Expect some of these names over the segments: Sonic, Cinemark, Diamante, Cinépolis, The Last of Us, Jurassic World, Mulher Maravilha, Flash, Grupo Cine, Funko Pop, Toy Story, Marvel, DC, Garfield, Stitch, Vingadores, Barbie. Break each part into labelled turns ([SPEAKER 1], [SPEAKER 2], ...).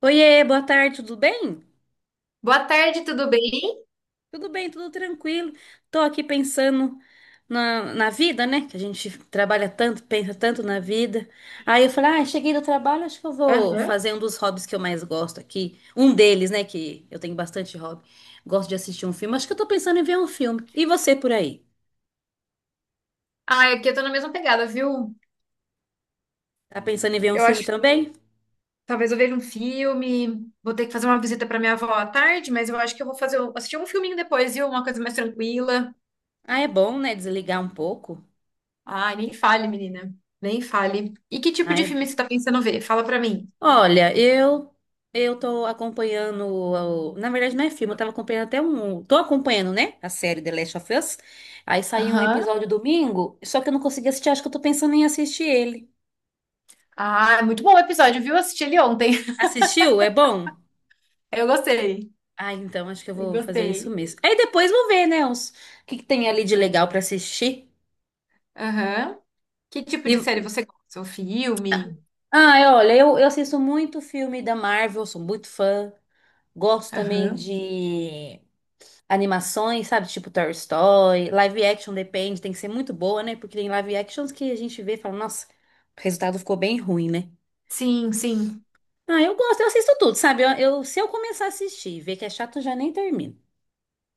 [SPEAKER 1] Oiê, boa tarde, tudo bem?
[SPEAKER 2] Boa tarde, tudo bem?
[SPEAKER 1] Tudo bem, tudo tranquilo. Tô aqui pensando na vida, né? Que a gente trabalha tanto, pensa tanto na vida. Aí eu falei, ah, cheguei do trabalho, acho que eu vou
[SPEAKER 2] Aham.
[SPEAKER 1] fazer um dos hobbies que eu mais gosto aqui. Um deles, né? Que eu tenho bastante hobby. Gosto de assistir um filme. Acho que eu tô pensando em ver um filme. E você por aí?
[SPEAKER 2] Ah, aqui eu tô na mesma pegada, viu?
[SPEAKER 1] Tá pensando em ver um
[SPEAKER 2] Eu
[SPEAKER 1] filme
[SPEAKER 2] acho,
[SPEAKER 1] também?
[SPEAKER 2] talvez eu veja um filme, vou ter que fazer uma visita pra minha avó à tarde, mas eu acho que eu vou fazer, assistir um filminho depois, viu? Uma coisa mais tranquila.
[SPEAKER 1] Ah, é bom, né? Desligar um pouco.
[SPEAKER 2] Ai, nem fale, menina. Nem fale. E que tipo
[SPEAKER 1] Ah,
[SPEAKER 2] de
[SPEAKER 1] é bom.
[SPEAKER 2] filme você tá pensando ver? Fala pra mim.
[SPEAKER 1] Olha, eu tô acompanhando, na verdade não é filme, eu tava acompanhando até um, tô acompanhando, né, a série The Last of Us. Aí saiu um
[SPEAKER 2] Aham.
[SPEAKER 1] episódio domingo, só que eu não consegui assistir, acho que eu tô pensando em assistir ele.
[SPEAKER 2] Ah, é muito bom o episódio, viu? Eu assisti ele ontem.
[SPEAKER 1] Assistiu? É bom?
[SPEAKER 2] Eu gostei.
[SPEAKER 1] Ah, então acho que eu
[SPEAKER 2] Eu
[SPEAKER 1] vou fazer isso
[SPEAKER 2] gostei.
[SPEAKER 1] mesmo. Aí depois vou ver, né, os, o que que tem ali de legal pra assistir.
[SPEAKER 2] Aham. Que tipo
[SPEAKER 1] E,
[SPEAKER 2] de série você gosta? O filme?
[SPEAKER 1] ah, olha, eu assisto muito filme da Marvel, sou muito fã. Gosto também
[SPEAKER 2] Aham.
[SPEAKER 1] de animações, sabe? Tipo Toy Story, live action depende, tem que ser muito boa, né? Porque tem live actions que a gente vê e fala, nossa, o resultado ficou bem ruim, né?
[SPEAKER 2] Sim, sim.
[SPEAKER 1] Ah, eu gosto, eu assisto tudo, sabe? Se eu começar a assistir e ver que é chato, eu já nem termino.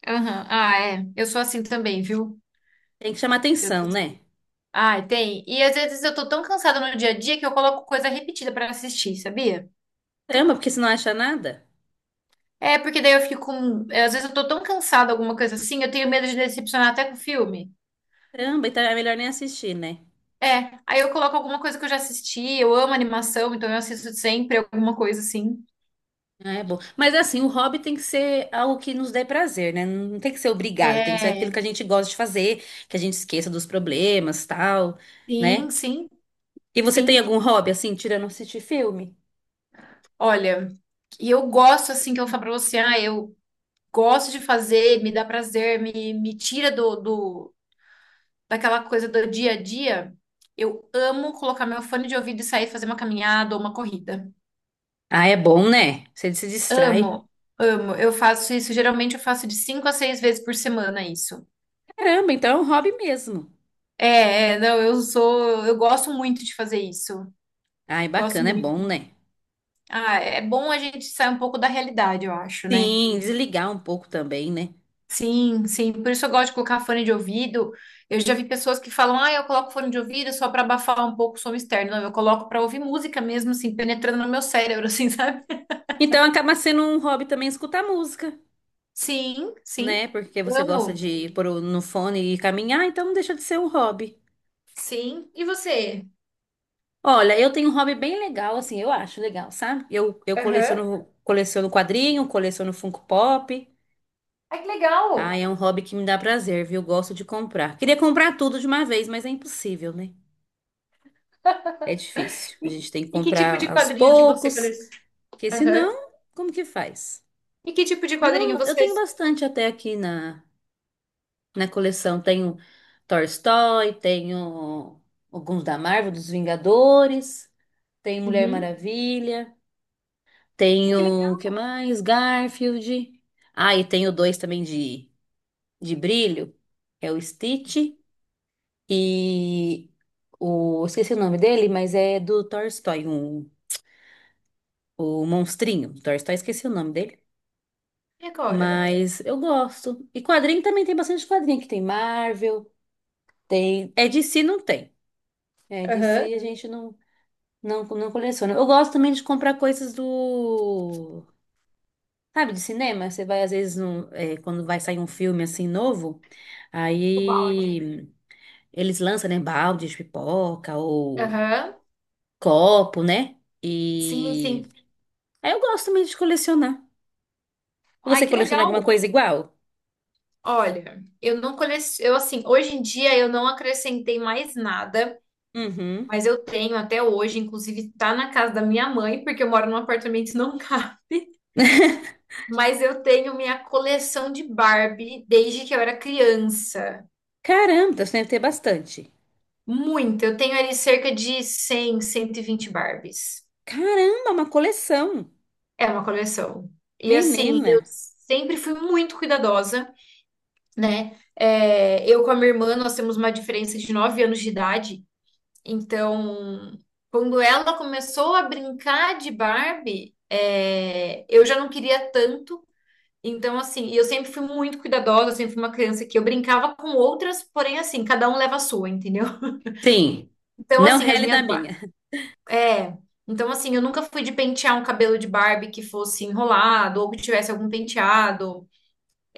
[SPEAKER 2] Aham. Ah, é. Eu sou assim também, viu?
[SPEAKER 1] Tem que chamar
[SPEAKER 2] Eu tô-
[SPEAKER 1] atenção, né?
[SPEAKER 2] Ai, tem. E às vezes eu tô tão cansada no dia a dia que eu coloco coisa repetida pra assistir, sabia?
[SPEAKER 1] Caramba, porque se não acha nada,
[SPEAKER 2] É, porque daí eu Às vezes eu tô tão cansada, alguma coisa assim, eu tenho medo de decepcionar até com o filme.
[SPEAKER 1] caramba, então é melhor nem assistir, né?
[SPEAKER 2] É, aí eu coloco alguma coisa que eu já assisti, eu amo animação, então eu assisto sempre alguma coisa assim.
[SPEAKER 1] Ah, é bom. Mas assim, o hobby tem que ser algo que nos dê prazer, né? Não tem que ser obrigado, tem que ser aquilo
[SPEAKER 2] É,
[SPEAKER 1] que a gente gosta de fazer, que a gente esqueça dos problemas, tal,
[SPEAKER 2] sim,
[SPEAKER 1] né?
[SPEAKER 2] sim,
[SPEAKER 1] E você
[SPEAKER 2] sim.
[SPEAKER 1] tem algum hobby assim, tirando assistir filme?
[SPEAKER 2] Olha, eu gosto assim que eu falo pra você, ah, eu gosto de fazer, me dá prazer, me tira do, daquela coisa do dia a dia, eu amo colocar meu fone de ouvido e sair fazer uma caminhada ou uma corrida.
[SPEAKER 1] Ah, é bom, né? Você se distrai.
[SPEAKER 2] Amo, amo. Eu faço isso, geralmente eu faço de 5 a 6 vezes por semana isso.
[SPEAKER 1] Caramba, então é um hobby mesmo.
[SPEAKER 2] Não, eu gosto muito de fazer isso.
[SPEAKER 1] Ah, é
[SPEAKER 2] Gosto
[SPEAKER 1] bacana, é bom,
[SPEAKER 2] muito.
[SPEAKER 1] né?
[SPEAKER 2] Ah, é bom a gente sair um pouco da realidade, eu acho, né?
[SPEAKER 1] Sim, desligar um pouco também, né?
[SPEAKER 2] Sim, sim. Por isso eu gosto de colocar fone de ouvido. Eu já vi pessoas que falam, ah, eu coloco fone de ouvido só para abafar um pouco o som externo. Não, eu coloco para ouvir música mesmo, assim, penetrando no meu cérebro, assim, sabe?
[SPEAKER 1] Então acaba sendo um hobby também escutar música,
[SPEAKER 2] Sim, sim.
[SPEAKER 1] né? Porque você gosta
[SPEAKER 2] Amo.
[SPEAKER 1] de pôr no fone e caminhar, então não deixa de ser um hobby.
[SPEAKER 2] Sim. E você?
[SPEAKER 1] Olha, eu tenho um hobby bem legal, assim, eu acho legal, sabe? Eu
[SPEAKER 2] Aham.
[SPEAKER 1] coleciono quadrinho, coleciono Funko Pop.
[SPEAKER 2] Ai, que
[SPEAKER 1] Ah,
[SPEAKER 2] legal.
[SPEAKER 1] é um hobby que me dá prazer, viu? Gosto de comprar. Queria comprar tudo de uma vez, mas é impossível, né? É difícil. A
[SPEAKER 2] E,
[SPEAKER 1] gente tem que
[SPEAKER 2] e que tipo
[SPEAKER 1] comprar
[SPEAKER 2] de
[SPEAKER 1] aos
[SPEAKER 2] quadrinho que você
[SPEAKER 1] poucos,
[SPEAKER 2] coleciona?
[SPEAKER 1] porque
[SPEAKER 2] Aham.
[SPEAKER 1] senão, como que faz?
[SPEAKER 2] E que tipo de
[SPEAKER 1] Mas
[SPEAKER 2] quadrinho
[SPEAKER 1] eu
[SPEAKER 2] vocês?
[SPEAKER 1] tenho bastante até aqui na coleção. Tenho Toy Story, tenho alguns da Marvel, dos Vingadores, tenho Mulher
[SPEAKER 2] Uhum.
[SPEAKER 1] Maravilha,
[SPEAKER 2] Ai, que
[SPEAKER 1] tenho, o que
[SPEAKER 2] legal.
[SPEAKER 1] mais? Garfield. Ah, e tenho dois também de brilho. É o Stitch e Esqueci o nome dele, mas é do Toy Story 1. O monstrinho, do Toy Story, esqueci o nome dele.
[SPEAKER 2] E agora?
[SPEAKER 1] Mas eu gosto. E quadrinho também tem bastante quadrinho, que tem Marvel, tem. É DC não tem. É
[SPEAKER 2] Aham.
[SPEAKER 1] DC a gente não coleciona. Eu gosto também de comprar coisas do. Sabe, de cinema? Você vai, às vezes, quando vai sair um filme assim novo,
[SPEAKER 2] O balde.
[SPEAKER 1] aí eles lançam, né, balde de pipoca ou
[SPEAKER 2] Aham.
[SPEAKER 1] copo, né?
[SPEAKER 2] Sim,
[SPEAKER 1] E
[SPEAKER 2] sim.
[SPEAKER 1] aí eu gosto também de colecionar.
[SPEAKER 2] Ai,
[SPEAKER 1] Você
[SPEAKER 2] que
[SPEAKER 1] coleciona
[SPEAKER 2] legal.
[SPEAKER 1] alguma coisa igual?
[SPEAKER 2] Olha, eu não coleciono, eu assim, hoje em dia eu não acrescentei mais nada,
[SPEAKER 1] Uhum.
[SPEAKER 2] mas eu tenho até hoje, inclusive tá na casa da minha mãe, porque eu moro num apartamento não. Mas eu tenho minha coleção de Barbie desde que eu era criança.
[SPEAKER 1] Caramba, então você deve ter bastante.
[SPEAKER 2] Muito. Eu tenho ali cerca de 100, 120 Barbies.
[SPEAKER 1] Caramba, uma coleção.
[SPEAKER 2] É uma coleção. E assim,
[SPEAKER 1] Menina.
[SPEAKER 2] eu sempre fui muito cuidadosa, né? É, eu com a minha irmã, nós temos uma diferença de 9 anos de idade. Então, quando ela começou a brincar de Barbie, é, eu já não queria tanto. Então, assim, eu sempre fui muito cuidadosa, eu sempre fui uma criança que eu brincava com outras, porém, assim, cada um leva a sua, entendeu?
[SPEAKER 1] Sim,
[SPEAKER 2] Então,
[SPEAKER 1] não
[SPEAKER 2] assim,
[SPEAKER 1] rele da minha.
[SPEAKER 2] É. Então, assim, eu nunca fui de pentear um cabelo de Barbie que fosse enrolado ou que tivesse algum penteado.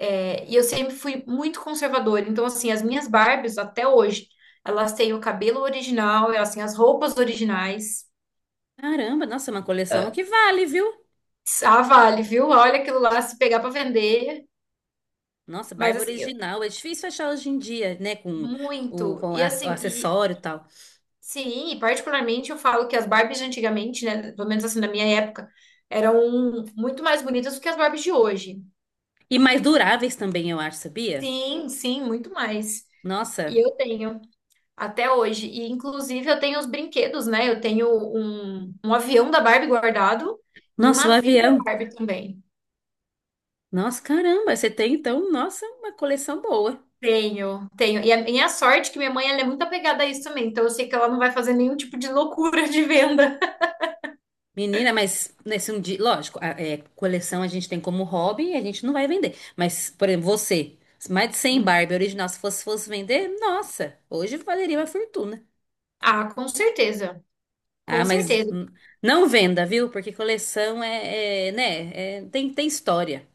[SPEAKER 2] É, e eu sempre fui muito conservadora. Então, assim, as minhas Barbies, até hoje, elas têm o cabelo original, elas têm as roupas originais.
[SPEAKER 1] Caramba, nossa, uma coleção que vale, viu?
[SPEAKER 2] Ah, vale, viu? Olha aquilo lá se pegar pra vender.
[SPEAKER 1] Nossa,
[SPEAKER 2] Mas,
[SPEAKER 1] barba
[SPEAKER 2] assim, eu-
[SPEAKER 1] original. É difícil achar hoje em dia, né? Com o,
[SPEAKER 2] muito.
[SPEAKER 1] com
[SPEAKER 2] E,
[SPEAKER 1] a- o
[SPEAKER 2] assim,
[SPEAKER 1] acessório e tal.
[SPEAKER 2] sim, e particularmente eu falo que as Barbies de antigamente, né, pelo menos assim na minha época, eram muito mais bonitas do que as Barbies de hoje.
[SPEAKER 1] E mais duráveis também, eu acho, sabia?
[SPEAKER 2] Sim, sim, muito mais. E
[SPEAKER 1] Nossa,
[SPEAKER 2] eu tenho até hoje. E inclusive eu tenho os brinquedos, né? Eu tenho um avião da Barbie guardado e um
[SPEAKER 1] nossa, o
[SPEAKER 2] navio da
[SPEAKER 1] avião.
[SPEAKER 2] Barbie também.
[SPEAKER 1] Nossa, caramba, você tem então, nossa, uma coleção boa.
[SPEAKER 2] Tenho, tenho. E a minha sorte é que minha mãe ela é muito apegada a isso também, então eu sei que ela não vai fazer nenhum tipo de loucura de venda.
[SPEAKER 1] Menina, mas nesse um dia, lógico, coleção a gente tem como hobby e a gente não vai vender. Mas, por exemplo, você, mais de 100
[SPEAKER 2] Hum.
[SPEAKER 1] Barbie original, se fosse, fosse vender, nossa, hoje valeria uma fortuna.
[SPEAKER 2] Ah, com certeza. Com
[SPEAKER 1] Ah, mas
[SPEAKER 2] certeza.
[SPEAKER 1] não venda, viu? Porque coleção é, né, tem história.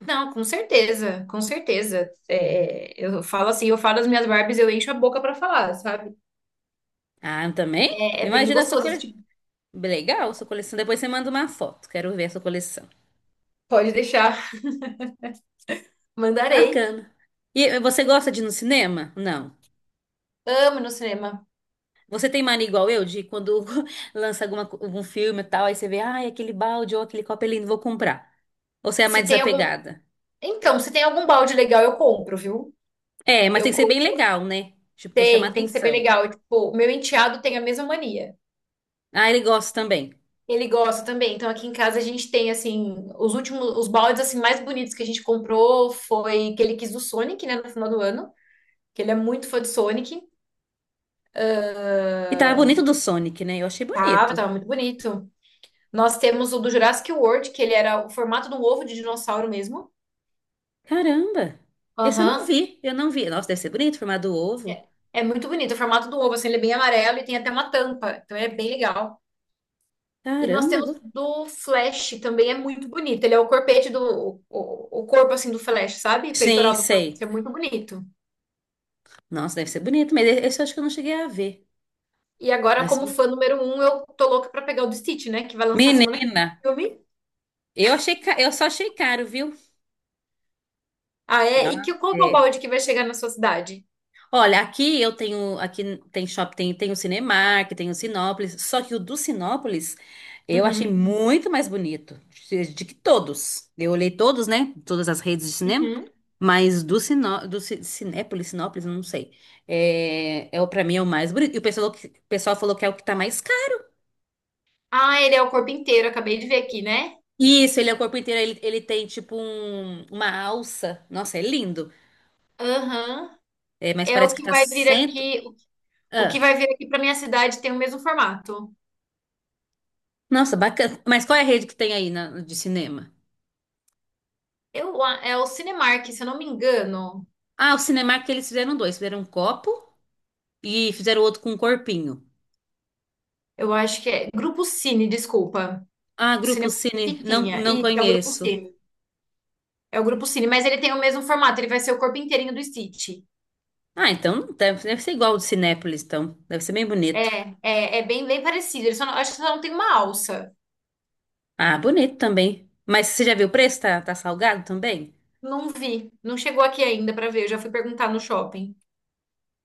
[SPEAKER 2] Não, com certeza, com certeza. É, eu falo assim, eu falo as minhas Barbies, eu encho a boca pra falar, sabe?
[SPEAKER 1] Ah, também?
[SPEAKER 2] É, é bem
[SPEAKER 1] Imagina a sua
[SPEAKER 2] gostoso esse
[SPEAKER 1] coleção.
[SPEAKER 2] tipo.
[SPEAKER 1] Legal, sua coleção. Depois você manda uma foto, quero ver a sua coleção.
[SPEAKER 2] Pode deixar. Mandarei.
[SPEAKER 1] Bacana. E você gosta de ir no cinema? Não.
[SPEAKER 2] Amo ir no cinema.
[SPEAKER 1] Você tem mania igual eu, de quando lança algum filme e tal, aí você vê, ai, aquele balde ou aquele copo eu não vou comprar. Ou você é mais
[SPEAKER 2] Se tem algum.
[SPEAKER 1] desapegada?
[SPEAKER 2] Então, se tem algum balde legal, eu compro, viu?
[SPEAKER 1] É, mas
[SPEAKER 2] Eu
[SPEAKER 1] tem que ser bem
[SPEAKER 2] compro.
[SPEAKER 1] legal, né? Tipo, chamar
[SPEAKER 2] Tem, tem que ser bem
[SPEAKER 1] atenção.
[SPEAKER 2] legal. Tipo, meu enteado tem a mesma mania.
[SPEAKER 1] Ah, ele gosta também.
[SPEAKER 2] Ele gosta também. Então, aqui em casa a gente tem, assim, os últimos, os baldes, assim, mais bonitos que a gente comprou foi que ele quis do Sonic, né, no final do ano. Que ele é muito fã de Sonic.
[SPEAKER 1] E tava bonito do Sonic, né? Eu achei
[SPEAKER 2] Tava,
[SPEAKER 1] bonito.
[SPEAKER 2] tava muito bonito. Nós temos o do Jurassic World, que ele era o formato de um ovo de dinossauro mesmo.
[SPEAKER 1] Caramba! Esse eu não
[SPEAKER 2] Aham.
[SPEAKER 1] vi, eu não vi. Nossa, deve ser bonito, formado ovo.
[SPEAKER 2] É muito bonito. O formato do ovo, assim, ele é bem amarelo e tem até uma tampa. Então ele é bem legal. E nós
[SPEAKER 1] Caramba!
[SPEAKER 2] temos do Flash, também é muito bonito. Ele é o corpete do... o corpo, assim, do Flash, sabe?
[SPEAKER 1] Sim,
[SPEAKER 2] Peitoral do Flash.
[SPEAKER 1] sei.
[SPEAKER 2] É muito bonito.
[SPEAKER 1] Nossa, deve ser bonito, mas esse eu acho que eu não cheguei a ver.
[SPEAKER 2] E agora,
[SPEAKER 1] Mas,
[SPEAKER 2] como fã número 1, eu tô louca pra pegar o do Stitch, né? Que vai lançar semana que vem
[SPEAKER 1] menina,
[SPEAKER 2] o filme.
[SPEAKER 1] eu só achei caro, viu?
[SPEAKER 2] Ah,
[SPEAKER 1] É,
[SPEAKER 2] é?
[SPEAKER 1] uma-
[SPEAKER 2] Qual que é o
[SPEAKER 1] é.
[SPEAKER 2] balde que vai chegar na sua cidade?
[SPEAKER 1] Olha, aqui eu tenho, aqui tem shopping, tem o Cinemark, tem o Sinópolis, só que o do Sinópolis eu achei
[SPEAKER 2] Uhum.
[SPEAKER 1] muito mais bonito de que todos. Eu olhei todos, né? Todas as redes de cinema,
[SPEAKER 2] Uhum.
[SPEAKER 1] mas do Sinó, do Ci- Cinépolis, Sinópolis, eu não sei. É, é o Para mim é o mais bonito. E o pessoal falou que é o que tá mais caro.
[SPEAKER 2] Ah, ele é o corpo inteiro. Acabei de ver aqui, né?
[SPEAKER 1] Isso, ele é o corpo inteiro, ele tem tipo uma alça. Nossa, é lindo.
[SPEAKER 2] Aham.
[SPEAKER 1] É, mas
[SPEAKER 2] É o
[SPEAKER 1] parece que
[SPEAKER 2] que
[SPEAKER 1] tá
[SPEAKER 2] vai vir
[SPEAKER 1] cento.
[SPEAKER 2] aqui, o que
[SPEAKER 1] Ah,
[SPEAKER 2] vai vir aqui para minha cidade tem o mesmo formato.
[SPEAKER 1] nossa, bacana. Mas qual é a rede que tem aí de cinema?
[SPEAKER 2] É o Cinemark, se eu não me engano.
[SPEAKER 1] Ah, o Cinemark eles fizeram dois. Fizeram um copo e fizeram outro com um corpinho.
[SPEAKER 2] Eu acho que é Grupo Cine, desculpa.
[SPEAKER 1] Ah,
[SPEAKER 2] O
[SPEAKER 1] Grupo
[SPEAKER 2] Cinemark
[SPEAKER 1] Cine,
[SPEAKER 2] que
[SPEAKER 1] não,
[SPEAKER 2] tinha.
[SPEAKER 1] não
[SPEAKER 2] Isso, é o Grupo
[SPEAKER 1] conheço.
[SPEAKER 2] Cine. É o Grupo Cine, mas ele tem o mesmo formato, ele vai ser o corpo inteirinho do Stitch.
[SPEAKER 1] Ah, então deve ser igual ao do Cinépolis, então. Deve ser bem
[SPEAKER 2] É,
[SPEAKER 1] bonito.
[SPEAKER 2] é bem, bem parecido. Ele só não- acho que só não tem uma alça.
[SPEAKER 1] Ah, bonito também. Mas você já viu o preço? Tá salgado também?
[SPEAKER 2] Não vi, não chegou aqui ainda para ver. Eu já fui perguntar no shopping.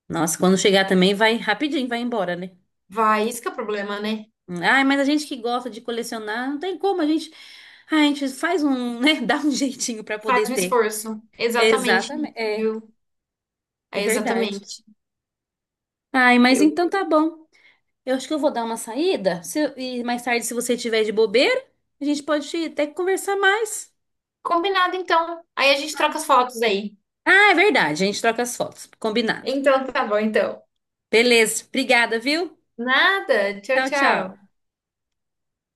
[SPEAKER 1] Nossa, quando chegar também vai rapidinho, vai embora, né?
[SPEAKER 2] Vai, isso que é o problema, né?
[SPEAKER 1] Ah, mas a gente que gosta de colecionar, não tem como, a gente, ah, a gente faz um, né, dá um jeitinho pra poder
[SPEAKER 2] Faz um
[SPEAKER 1] ter.
[SPEAKER 2] esforço. Exatamente,
[SPEAKER 1] Exatamente, é,
[SPEAKER 2] viu?
[SPEAKER 1] é
[SPEAKER 2] É
[SPEAKER 1] verdade.
[SPEAKER 2] exatamente.
[SPEAKER 1] Ai, mas então tá bom. Eu acho que eu vou dar uma saída. E mais tarde, se você tiver de bobeira, a gente pode até conversar mais.
[SPEAKER 2] Combinado, então. Aí a gente troca as fotos aí.
[SPEAKER 1] Ah, é verdade. A gente troca as fotos. Combinado.
[SPEAKER 2] Então tá bom, então.
[SPEAKER 1] Beleza. Obrigada, viu?
[SPEAKER 2] Nada. Tchau,
[SPEAKER 1] Tchau, tchau.
[SPEAKER 2] tchau.